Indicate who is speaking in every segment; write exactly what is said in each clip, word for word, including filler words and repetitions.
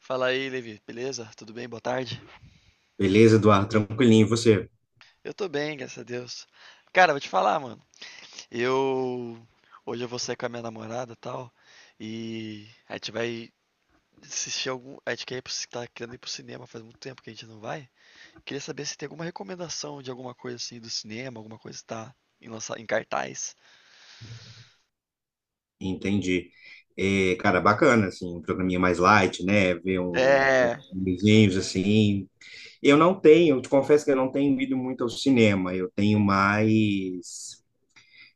Speaker 1: Fala aí, Levi. Beleza? Tudo bem? Boa tarde.
Speaker 2: Beleza, Eduardo? Tranquilinho, e você?
Speaker 1: Eu tô bem, graças a Deus. Cara, vou te falar, mano. Eu hoje eu vou sair com a minha namorada, e tal, e a gente vai assistir algum, a gente quer ir pro, tá querendo ir pro cinema, faz muito tempo que a gente não vai. Queria saber se tem alguma recomendação de alguma coisa assim do cinema, alguma coisa que tá em lança- em cartaz.
Speaker 2: Entendi. É, cara, bacana, assim, um programinha mais light, né? Ver um, um,
Speaker 1: É.
Speaker 2: uns filmezinhos, assim. Eu não tenho, eu te confesso que eu não tenho ido muito ao cinema. Eu tenho mais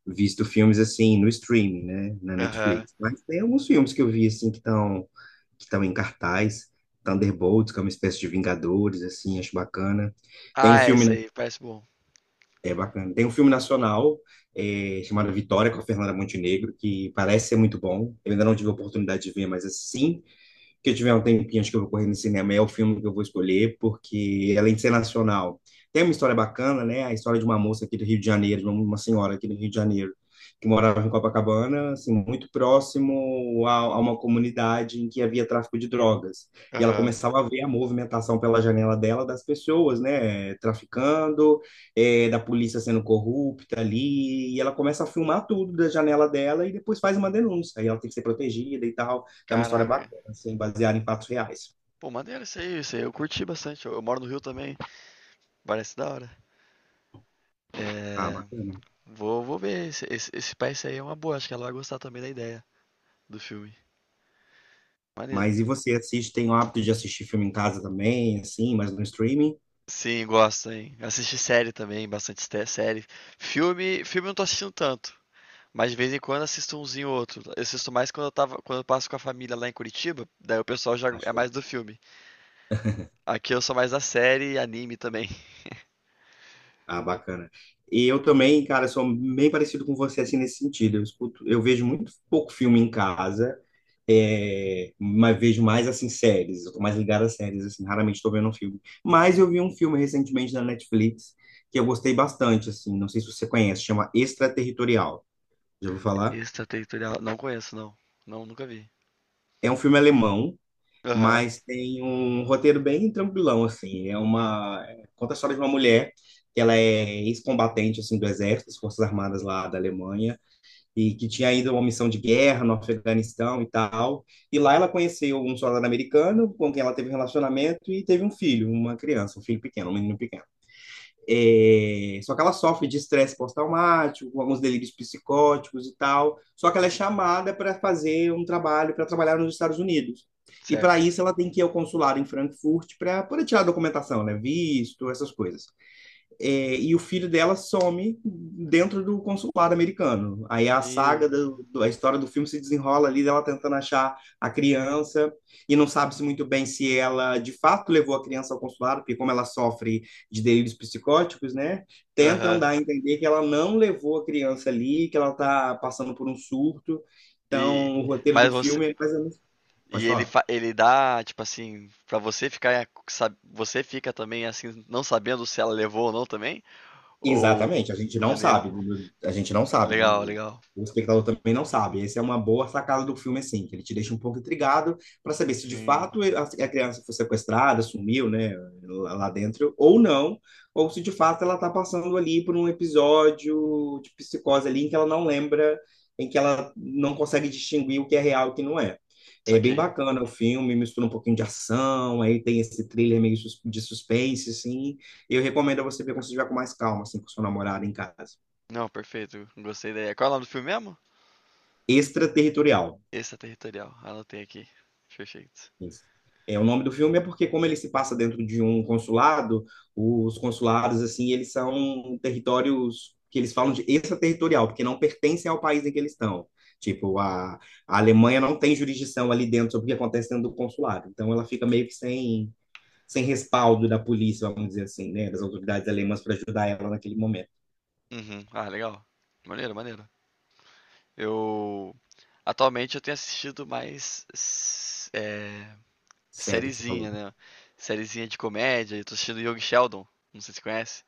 Speaker 2: visto filmes, assim, no streaming, né? Na
Speaker 1: Aham.
Speaker 2: Netflix. Mas tem alguns filmes que eu vi, assim, que estão que estão em cartaz. Thunderbolts, que é uma espécie de Vingadores, assim, acho bacana. Tem um
Speaker 1: Ah,
Speaker 2: filme
Speaker 1: esse aí parece bom.
Speaker 2: É bacana. Tem um filme nacional eh, chamado Vitória com a Fernanda Montenegro, que parece ser muito bom. Eu ainda não tive a oportunidade de ver, mas assim que eu tiver um tempinho, acho que eu vou correr no cinema, é o filme que eu vou escolher, porque é além de ser nacional, tem uma história bacana, né? A história de uma moça aqui do Rio de Janeiro, de uma uma senhora aqui do Rio de Janeiro, que morava em Copacabana, assim, muito próximo a, a uma comunidade em que havia tráfico de drogas. E ela
Speaker 1: Aham.
Speaker 2: começava a ver a movimentação pela janela dela das pessoas, né, traficando, eh, da polícia sendo corrupta ali, e ela começa a filmar tudo da janela dela e depois faz uma denúncia. E ela tem que ser protegida e tal. Então, é uma história
Speaker 1: Caraca.
Speaker 2: assim, baseado em fatos reais.
Speaker 1: Pô, maneiro isso aí, isso aí. Eu curti bastante. Eu, eu moro no Rio também. Parece da hora.
Speaker 2: Ah,
Speaker 1: É.
Speaker 2: bacana.
Speaker 1: Vou, vou ver. Esse, esse, esse Spice aí é uma boa. Acho que ela vai gostar também da ideia do filme. Maneiro.
Speaker 2: Mas e você assiste, tem o hábito de assistir filme em casa também, assim, mas no streaming?
Speaker 1: Sim, gosto, hein? Assisti série também, bastante ste- série. Filme, filme eu não tô assistindo tanto. Mas de vez em quando assisto umzinho ou outro. Eu assisto mais quando eu tava, quando eu passo com a família lá em Curitiba, daí o pessoal já é
Speaker 2: Acho que...
Speaker 1: mais do filme. Aqui eu sou mais da série e anime também.
Speaker 2: Ah, bacana. E eu também, cara, sou bem parecido com você, assim, nesse sentido. Eu escuto, eu vejo muito pouco filme em casa, é, mas vejo mais, assim, séries. Eu tô mais ligado a séries, assim, raramente tô vendo um filme. Mas eu vi um filme recentemente na Netflix que eu gostei bastante, assim, não sei se você conhece, chama Extraterritorial. Já ouviu falar?
Speaker 1: Extraterritorial, não conheço, não. Não, nunca vi.
Speaker 2: É um filme alemão,
Speaker 1: Aham,
Speaker 2: mas tem um roteiro bem tranquilão, assim. É uma... Conta a história de uma mulher que ela é ex-combatente, assim, do exército, das Forças Armadas lá da Alemanha, e que tinha ido a uma missão de guerra no Afeganistão e tal. E lá ela conheceu um soldado americano com quem ela teve um relacionamento e teve um filho, uma criança, um filho pequeno, um menino pequeno. É, só que ela sofre de estresse pós-traumático, com alguns delírios psicóticos e tal. Só que ela é chamada para fazer um trabalho, para trabalhar nos Estados Unidos. E para
Speaker 1: certo.
Speaker 2: isso ela tem que ir ao consulado em Frankfurt para poder tirar a documentação, né? Visto, essas coisas. É, e o filho dela some dentro do consulado americano. Aí a
Speaker 1: Meu.
Speaker 2: saga, do, do- a história do filme se desenrola ali dela tentando achar a criança e não sabe-se muito bem se ela de fato levou a criança ao consulado, porque como ela sofre de delírios psicóticos, né? Tentam
Speaker 1: Aham.
Speaker 2: dar a entender que ela não levou a criança ali, que ela está passando por um surto.
Speaker 1: E
Speaker 2: Então, o roteiro
Speaker 1: mas
Speaker 2: do
Speaker 1: você
Speaker 2: filme é mais ou menos... Pode
Speaker 1: E ele,
Speaker 2: falar.
Speaker 1: fa- ele dá, tipo assim, pra você ficar, sab- você fica também assim, não sabendo se ela levou ou não também? Ou
Speaker 2: Exatamente, a gente
Speaker 1: é
Speaker 2: não
Speaker 1: maneiro.
Speaker 2: sabe, a gente não sabe, né?
Speaker 1: Legal, legal.
Speaker 2: O espectador também não sabe. Essa é uma boa sacada do filme, assim, que ele te deixa um pouco intrigado para saber se de
Speaker 1: Sim,
Speaker 2: fato a a criança foi sequestrada, sumiu, né, lá lá dentro, ou não, ou se de fato ela está passando ali por um episódio de psicose ali em que ela não lembra, em que ela não consegue distinguir o que é real e o que não é. É bem
Speaker 1: saquei.
Speaker 2: bacana o filme, mistura um pouquinho de ação, aí tem esse thriller meio sus- de suspense, assim. Eu recomendo a você ver quando você estiver com mais calma, assim, com seu namorado em casa.
Speaker 1: Não, perfeito. Gostei da ideia. Qual é o nome do filme mesmo?
Speaker 2: Extraterritorial.
Speaker 1: Extraterritorial. Anotei aqui. Perfeito.
Speaker 2: Isso. É, o nome do filme é porque, como ele se passa dentro de um consulado, os consulados, assim, eles são territórios que eles falam de extraterritorial, porque não pertencem ao país em que eles estão. Tipo, a, a Alemanha não tem jurisdição ali dentro sobre o que acontece dentro do consulado. Então, ela fica meio que sem, sem respaldo da polícia, vamos dizer assim, né? Das autoridades alemãs para ajudar ela naquele momento.
Speaker 1: Uhum. Ah, legal. Maneiro, maneiro. Eu atualmente eu tenho assistido mais s- é,
Speaker 2: Sério que você falou.
Speaker 1: sériezinha, né? Sériezinha de comédia. Eu tô assistindo Young Sheldon. Não sei se você conhece.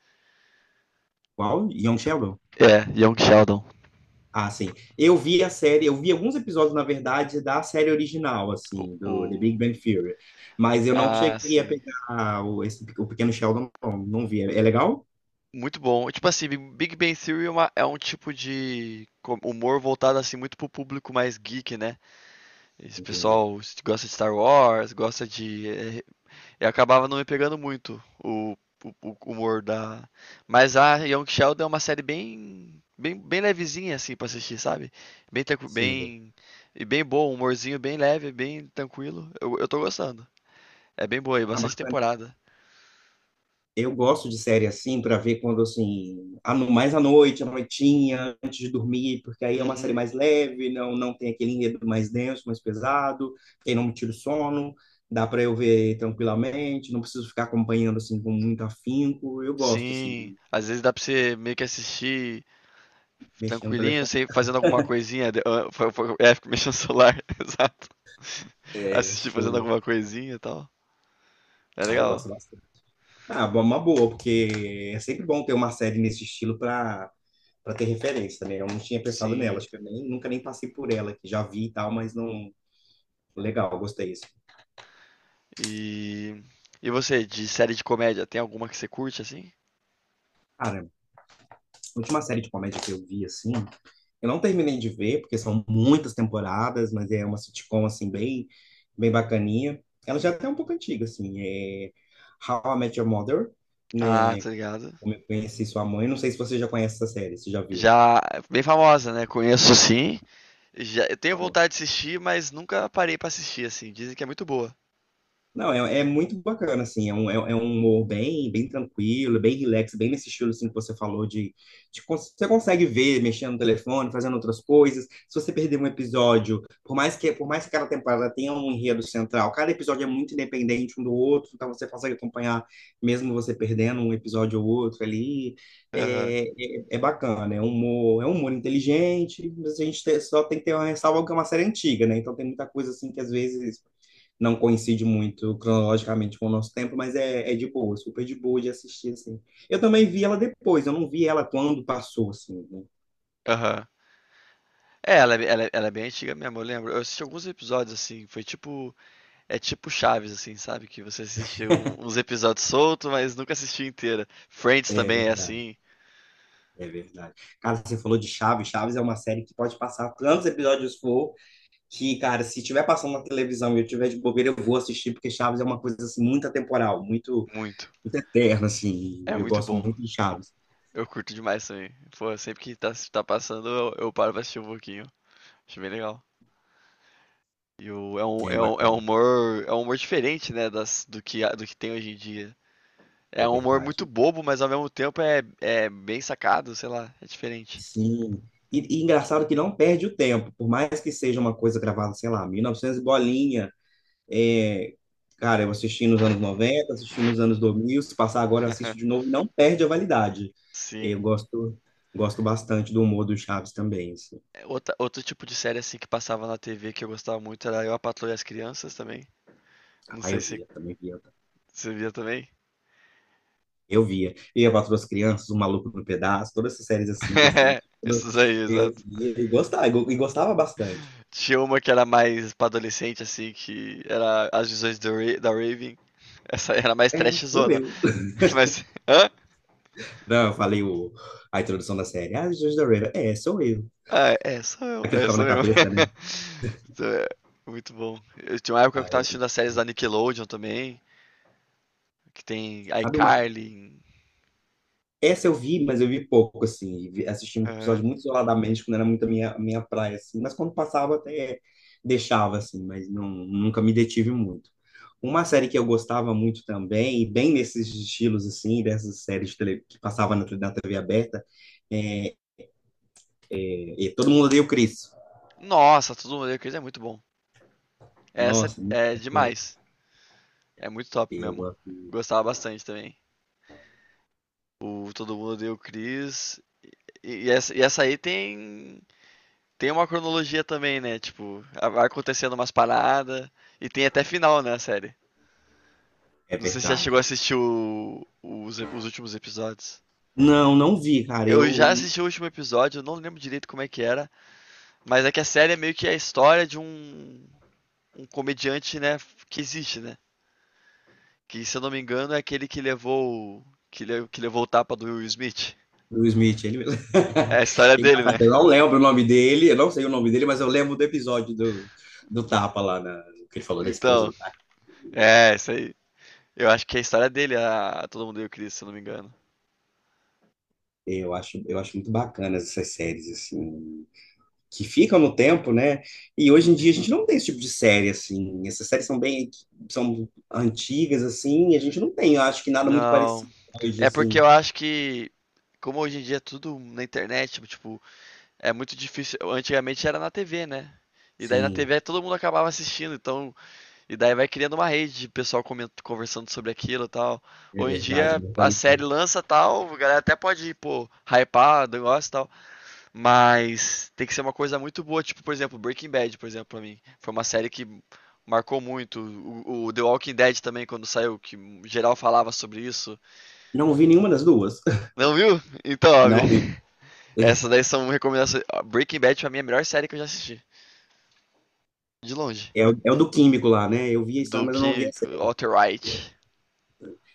Speaker 2: Qual? Young Sheldon?
Speaker 1: É, Young Sheldon.
Speaker 2: Ah, sim. Eu vi a série, eu vi alguns episódios, na verdade, da série original,
Speaker 1: O,
Speaker 2: assim, do The Big
Speaker 1: o-
Speaker 2: Bang Theory. Mas eu não
Speaker 1: Ah,
Speaker 2: cheguei a
Speaker 1: sim.
Speaker 2: pegar o, esse- o Pequeno Sheldon, não, não vi. É, é legal?
Speaker 1: Muito bom. Tipo assim, Big Big Bang Theory é, uma- é um tipo de co- humor voltado assim muito pro público mais geek, né? Esse
Speaker 2: Entendi.
Speaker 1: pessoal s- gosta de Star Wars, gosta de. é, Eu acabava não me pegando muito o, o- o humor da. Mas a Young Sheldon é uma série bem, bem, bem levezinha assim pra assistir, sabe? Bem, tranqui-
Speaker 2: Sim.
Speaker 1: bem e bem bom, humorzinho bem leve, bem tranquilo. Eu, eu tô gostando. É bem boa e
Speaker 2: Ah,
Speaker 1: bastante
Speaker 2: bacana.
Speaker 1: temporada.
Speaker 2: Eu gosto de série assim, para ver quando, assim, a no- mais à noite, à noitinha, antes de dormir, porque aí é uma série
Speaker 1: Uhum.
Speaker 2: mais leve, não, não tem aquele enredo mais denso, mais pesado, que aí não me tira o sono. Dá para eu ver tranquilamente, não preciso ficar acompanhando assim com muito afinco. Eu gosto assim.
Speaker 1: Sim, às vezes dá pra você meio que assistir
Speaker 2: Mexendo no
Speaker 1: tranquilinho,
Speaker 2: telefone.
Speaker 1: sem fazendo alguma coisinha. de- ah, fa- fa- É, fica mexendo no celular, exato.
Speaker 2: É,
Speaker 1: Assistir fazendo
Speaker 2: show.
Speaker 1: alguma coisinha e tal. É
Speaker 2: Ah, eu
Speaker 1: legal.
Speaker 2: gosto bastante. Ah, bom, uma boa, porque é sempre bom ter uma série nesse estilo para para ter referência, né? Eu não tinha pensado nela,
Speaker 1: Sim.
Speaker 2: acho que eu nem, nunca nem passei por ela, que já vi e tal, mas não. Legal, gostei disso.
Speaker 1: E e você, de série de comédia, tem alguma que você curte assim?
Speaker 2: Cara, a última série de comédia que eu vi, assim, eu não terminei de ver, porque são muitas temporadas, mas é uma sitcom, assim, bem, bem bacaninha. Ela já é até um pouco antiga, assim, é How I Met Your Mother,
Speaker 1: Ah, tá
Speaker 2: né?
Speaker 1: ligado.
Speaker 2: Como eu conheci sua mãe, não sei se você já conhece essa série, se já viu.
Speaker 1: Já bem famosa, né? Conheço sim. Já eu tenho
Speaker 2: Vamos.
Speaker 1: vontade de assistir, mas nunca parei pra assistir assim. Dizem que é muito boa.
Speaker 2: Não, é, é muito bacana, assim, é um, é, é um humor bem, bem tranquilo, bem relax, bem nesse estilo, assim, que você falou de, de cons- Você consegue ver mexendo no telefone, fazendo outras coisas. Se você perder um episódio, por mais que, por mais que cada temporada tenha um enredo central, cada episódio é muito independente um do outro, então você consegue acompanhar, mesmo você perdendo um episódio ou outro ali.
Speaker 1: Aham.
Speaker 2: É, é, é bacana, é um humor, é um humor inteligente, mas a gente te- só tem que ter uma ressalva que é uma série antiga, né? Então tem muita coisa, assim, que às vezes não coincide muito cronologicamente com o nosso tempo, mas é, é de boa, super de boa de assistir, assim. Eu também vi ela depois, eu não vi ela quando passou, assim, né?
Speaker 1: Aham. É, ela é ela é ela é bem antiga mesmo, eu lembro. Eu assisti alguns episódios, assim, foi tipo é tipo Chaves, assim, sabe, que você assiste um uns episódios solto, mas nunca assistiu inteira. Friends
Speaker 2: É
Speaker 1: também é
Speaker 2: verdade,
Speaker 1: assim,
Speaker 2: é verdade. Cara, você falou de Chaves, Chaves é uma série que pode passar tantos episódios for, que, cara, se tiver passando na televisão e eu tiver de bobeira, eu vou assistir, porque Chaves é uma coisa, assim, muito atemporal, muito,
Speaker 1: muito.
Speaker 2: muito eterna, assim,
Speaker 1: É
Speaker 2: eu
Speaker 1: muito
Speaker 2: gosto
Speaker 1: bom.
Speaker 2: muito de Chaves.
Speaker 1: Eu curto demais também. Pô, sempre que tá tá passando, eu eu paro pra assistir um pouquinho. Acho bem legal. E o é um
Speaker 2: É
Speaker 1: é um é um
Speaker 2: bacana,
Speaker 1: humor é um humor diferente, né, das do que a do que tem hoje em dia.
Speaker 2: é
Speaker 1: É um humor muito
Speaker 2: verdade.
Speaker 1: bobo, mas ao mesmo tempo é é bem sacado, sei lá, é diferente.
Speaker 2: Sim. E, e engraçado que não perde o tempo, por mais que seja uma coisa gravada, sei lá, mil e novecentos e bolinha. É, cara, eu assisti nos anos noventa assisti nos anos dois mil se passar agora, eu assisto de novo, e não perde a validade. Eu
Speaker 1: Sim.
Speaker 2: gosto, gosto bastante do humor do Chaves também. Assim.
Speaker 1: É, outra- outro tipo de série assim que passava na T V que eu gostava muito era Eu, a Patroa e as Crianças também. Não
Speaker 2: Ah,
Speaker 1: sei
Speaker 2: eu
Speaker 1: se
Speaker 2: via, também via. Tá?
Speaker 1: você via também.
Speaker 2: Eu via. Eu, Quatro das Crianças, O Maluco no Pedaço, todas essas séries assim, desse,
Speaker 1: Esses aí,
Speaker 2: eu
Speaker 1: exato.
Speaker 2: via e gostava, e gostava bastante.
Speaker 1: Tinha uma que era mais pra adolescente, assim, que era As Visões do Ra- da Raven. Essa era mais
Speaker 2: É, sou
Speaker 1: trashzona.
Speaker 2: eu.
Speaker 1: Mas. Hã?
Speaker 2: Não, eu falei o, a introdução da série. Ah, Jesus da Raven. É, sou eu.
Speaker 1: Ah, é, sou eu.
Speaker 2: Aquilo
Speaker 1: É,
Speaker 2: ficava na
Speaker 1: sou eu.
Speaker 2: cabeça, né?
Speaker 1: Então, é, Muito bom. Eu tinha uma época que
Speaker 2: Ah,
Speaker 1: eu tava
Speaker 2: eu,
Speaker 1: assistindo as séries da Nickelodeon também, que tem
Speaker 2: sabe uma.
Speaker 1: iCarly.
Speaker 2: Essa eu vi, mas eu vi pouco, assim. Vi- Assisti um episódio
Speaker 1: Aham.
Speaker 2: muito isoladamente, quando era muito a minha, a minha praia, assim. Mas quando passava, até deixava, assim. Mas não, nunca me detive muito. Uma série que eu gostava muito também, e bem nesses estilos, assim, dessas séries de tele, que passava na, na T V aberta, é, é Todo Mundo Odeia o Chris.
Speaker 1: Nossa, todo mundo odeia o Chris é muito bom. Essa
Speaker 2: Nossa, muito-
Speaker 1: é demais. É muito top
Speaker 2: eu
Speaker 1: mesmo.
Speaker 2: gosto.
Speaker 1: Gostava bastante também. O Todo Mundo Odeia o Chris. E, e essa, e essa aí tem, tem uma cronologia também, né? Tipo, vai acontecendo umas paradas. E tem até final, né, a série.
Speaker 2: É
Speaker 1: Não sei se já chegou
Speaker 2: verdade.
Speaker 1: a assistir o- os, os últimos episódios.
Speaker 2: Não, não vi, cara. Eu,
Speaker 1: Eu já
Speaker 2: o
Speaker 1: assisti o último episódio, eu não lembro direito como é que era, mas é que a série é meio que a história de um, um comediante, né, que existe, né? Que, se eu não me engano, é aquele que levou. o- Que, le- que levou o tapa do Will Smith.
Speaker 2: Will Smith, ele mesmo.
Speaker 1: É a história dele,
Speaker 2: Engraçado,
Speaker 1: né?
Speaker 2: eu não lembro o nome dele, eu não sei o nome dele, mas eu lembro do episódio do, do Tapa lá, na, que ele falou da esposa
Speaker 1: Então,
Speaker 2: do cara.
Speaker 1: é, isso aí. Eu acho que é a história dele, a Todo Mundo e o Chris, se eu não me engano.
Speaker 2: Eu acho, eu acho muito bacana essas séries, assim, que ficam no tempo, né? E hoje em dia a
Speaker 1: Sim.
Speaker 2: gente não tem esse tipo de série, assim. Essas séries são bem, são antigas, assim, e a gente não tem, eu acho que nada muito
Speaker 1: Não.
Speaker 2: parecido hoje,
Speaker 1: É porque
Speaker 2: assim.
Speaker 1: eu acho que. Como hoje em dia é tudo na internet, tipo, tipo, é muito difícil. Antigamente era na T V, né? E daí na
Speaker 2: Sim,
Speaker 1: T V todo mundo acabava assistindo, então E daí vai criando uma rede de pessoal coment- conversando sobre aquilo e tal.
Speaker 2: é
Speaker 1: Hoje em
Speaker 2: verdade.
Speaker 1: dia a
Speaker 2: Mortal
Speaker 1: série
Speaker 2: Kombat.
Speaker 1: lança tal, a galera até pode, pô, hypar, negócio e tal. Mas tem que ser uma coisa muito boa. Tipo, por exemplo, Breaking Bad, por exemplo, pra mim. Foi uma série que marcou muito. O, o The Walking Dead também, quando saiu, que geral falava sobre isso.
Speaker 2: Não vi nenhuma das duas.
Speaker 1: Não viu? Então, ó,
Speaker 2: Não vi.
Speaker 1: essas daí são recomendações. Breaking Bad pra mim é a melhor série que eu já assisti. De longe.
Speaker 2: É o, é o do químico lá, né? Eu vi a história,
Speaker 1: Do
Speaker 2: mas eu não vi
Speaker 1: que
Speaker 2: a série.
Speaker 1: Walter White.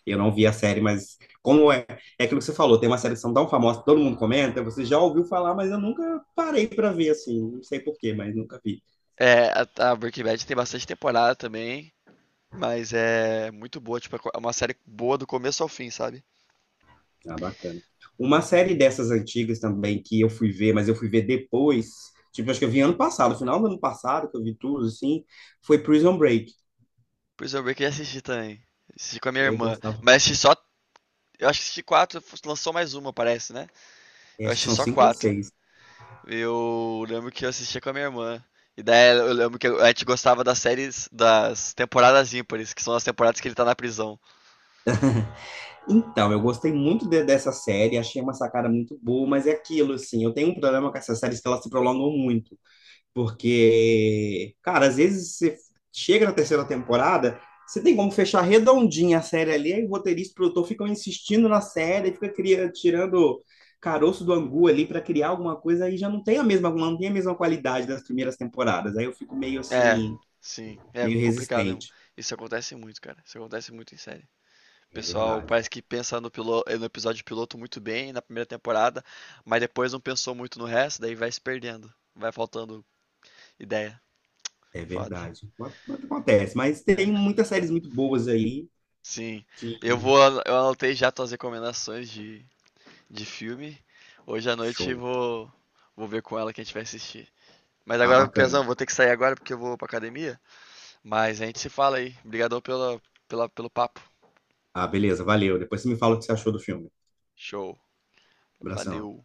Speaker 2: Eu não vi a série, mas como é, é aquilo que você falou, tem uma série que são tão famosa, que todo mundo comenta, você já ouviu falar, mas eu nunca parei para ver assim, não sei por quê, mas nunca vi.
Speaker 1: É, a, a Breaking Bad tem bastante temporada também, mas é muito boa, tipo, é uma série boa do começo ao fim, sabe?
Speaker 2: Ah, bacana. Uma série dessas antigas também que eu fui ver, mas eu fui ver depois, tipo, acho que eu vi ano passado, final do ano passado, que eu vi tudo assim, foi Prison Break.
Speaker 1: Prison Break eu já assisti também. Assisti com a minha
Speaker 2: Eu
Speaker 1: irmã.
Speaker 2: gostava,
Speaker 1: Mas assisti só. Eu acho que assisti quatro, lançou mais uma, parece, né?
Speaker 2: é,
Speaker 1: Eu
Speaker 2: acho que
Speaker 1: assisti
Speaker 2: são
Speaker 1: só
Speaker 2: cinco ou
Speaker 1: quatro.
Speaker 2: seis.
Speaker 1: Eu lembro que eu assistia com a minha irmã. E daí eu lembro que a gente gostava das séries das temporadas ímpares, que são as temporadas que ele tá na prisão.
Speaker 2: Então, eu gostei muito de- dessa série, achei uma sacada muito boa, mas é aquilo, assim, eu tenho um problema com essas séries que elas se prolongam muito, porque, cara, às vezes você chega na terceira temporada, você tem como fechar redondinha a série ali, aí o roteirista e o produtor ficam insistindo na série, fica cria- tirando caroço do angu ali para criar alguma coisa, aí já não tem a mesma, não tem a mesma qualidade das primeiras temporadas, aí eu fico meio
Speaker 1: É,
Speaker 2: assim,
Speaker 1: sim. É
Speaker 2: meio
Speaker 1: complicado mesmo.
Speaker 2: resistente.
Speaker 1: Isso acontece muito, cara. Isso acontece muito em série.
Speaker 2: É
Speaker 1: Pessoal
Speaker 2: verdade.
Speaker 1: parece que pensa no, pilo- eh, no episódio piloto muito bem na primeira temporada, mas depois não pensou muito no resto, daí vai se perdendo. Vai faltando ideia.
Speaker 2: É
Speaker 1: Foda.
Speaker 2: verdade. Mas acontece, mas
Speaker 1: É,
Speaker 2: tem muitas séries muito boas aí
Speaker 1: sim. Eu
Speaker 2: que
Speaker 1: vou. Eu anotei já tuas recomendações de, de filme. Hoje à noite
Speaker 2: show.
Speaker 1: vou, vou ver com ela que a gente vai assistir. Mas
Speaker 2: Ah,
Speaker 1: agora,
Speaker 2: bacana.
Speaker 1: Pezão, vou ter que sair agora porque eu vou pra academia. Mas a gente se fala aí. Obrigadão pela, pela, pelo papo.
Speaker 2: Ah, beleza, valeu. Depois você me fala o que você achou do filme.
Speaker 1: Show.
Speaker 2: Abração.
Speaker 1: Valeu.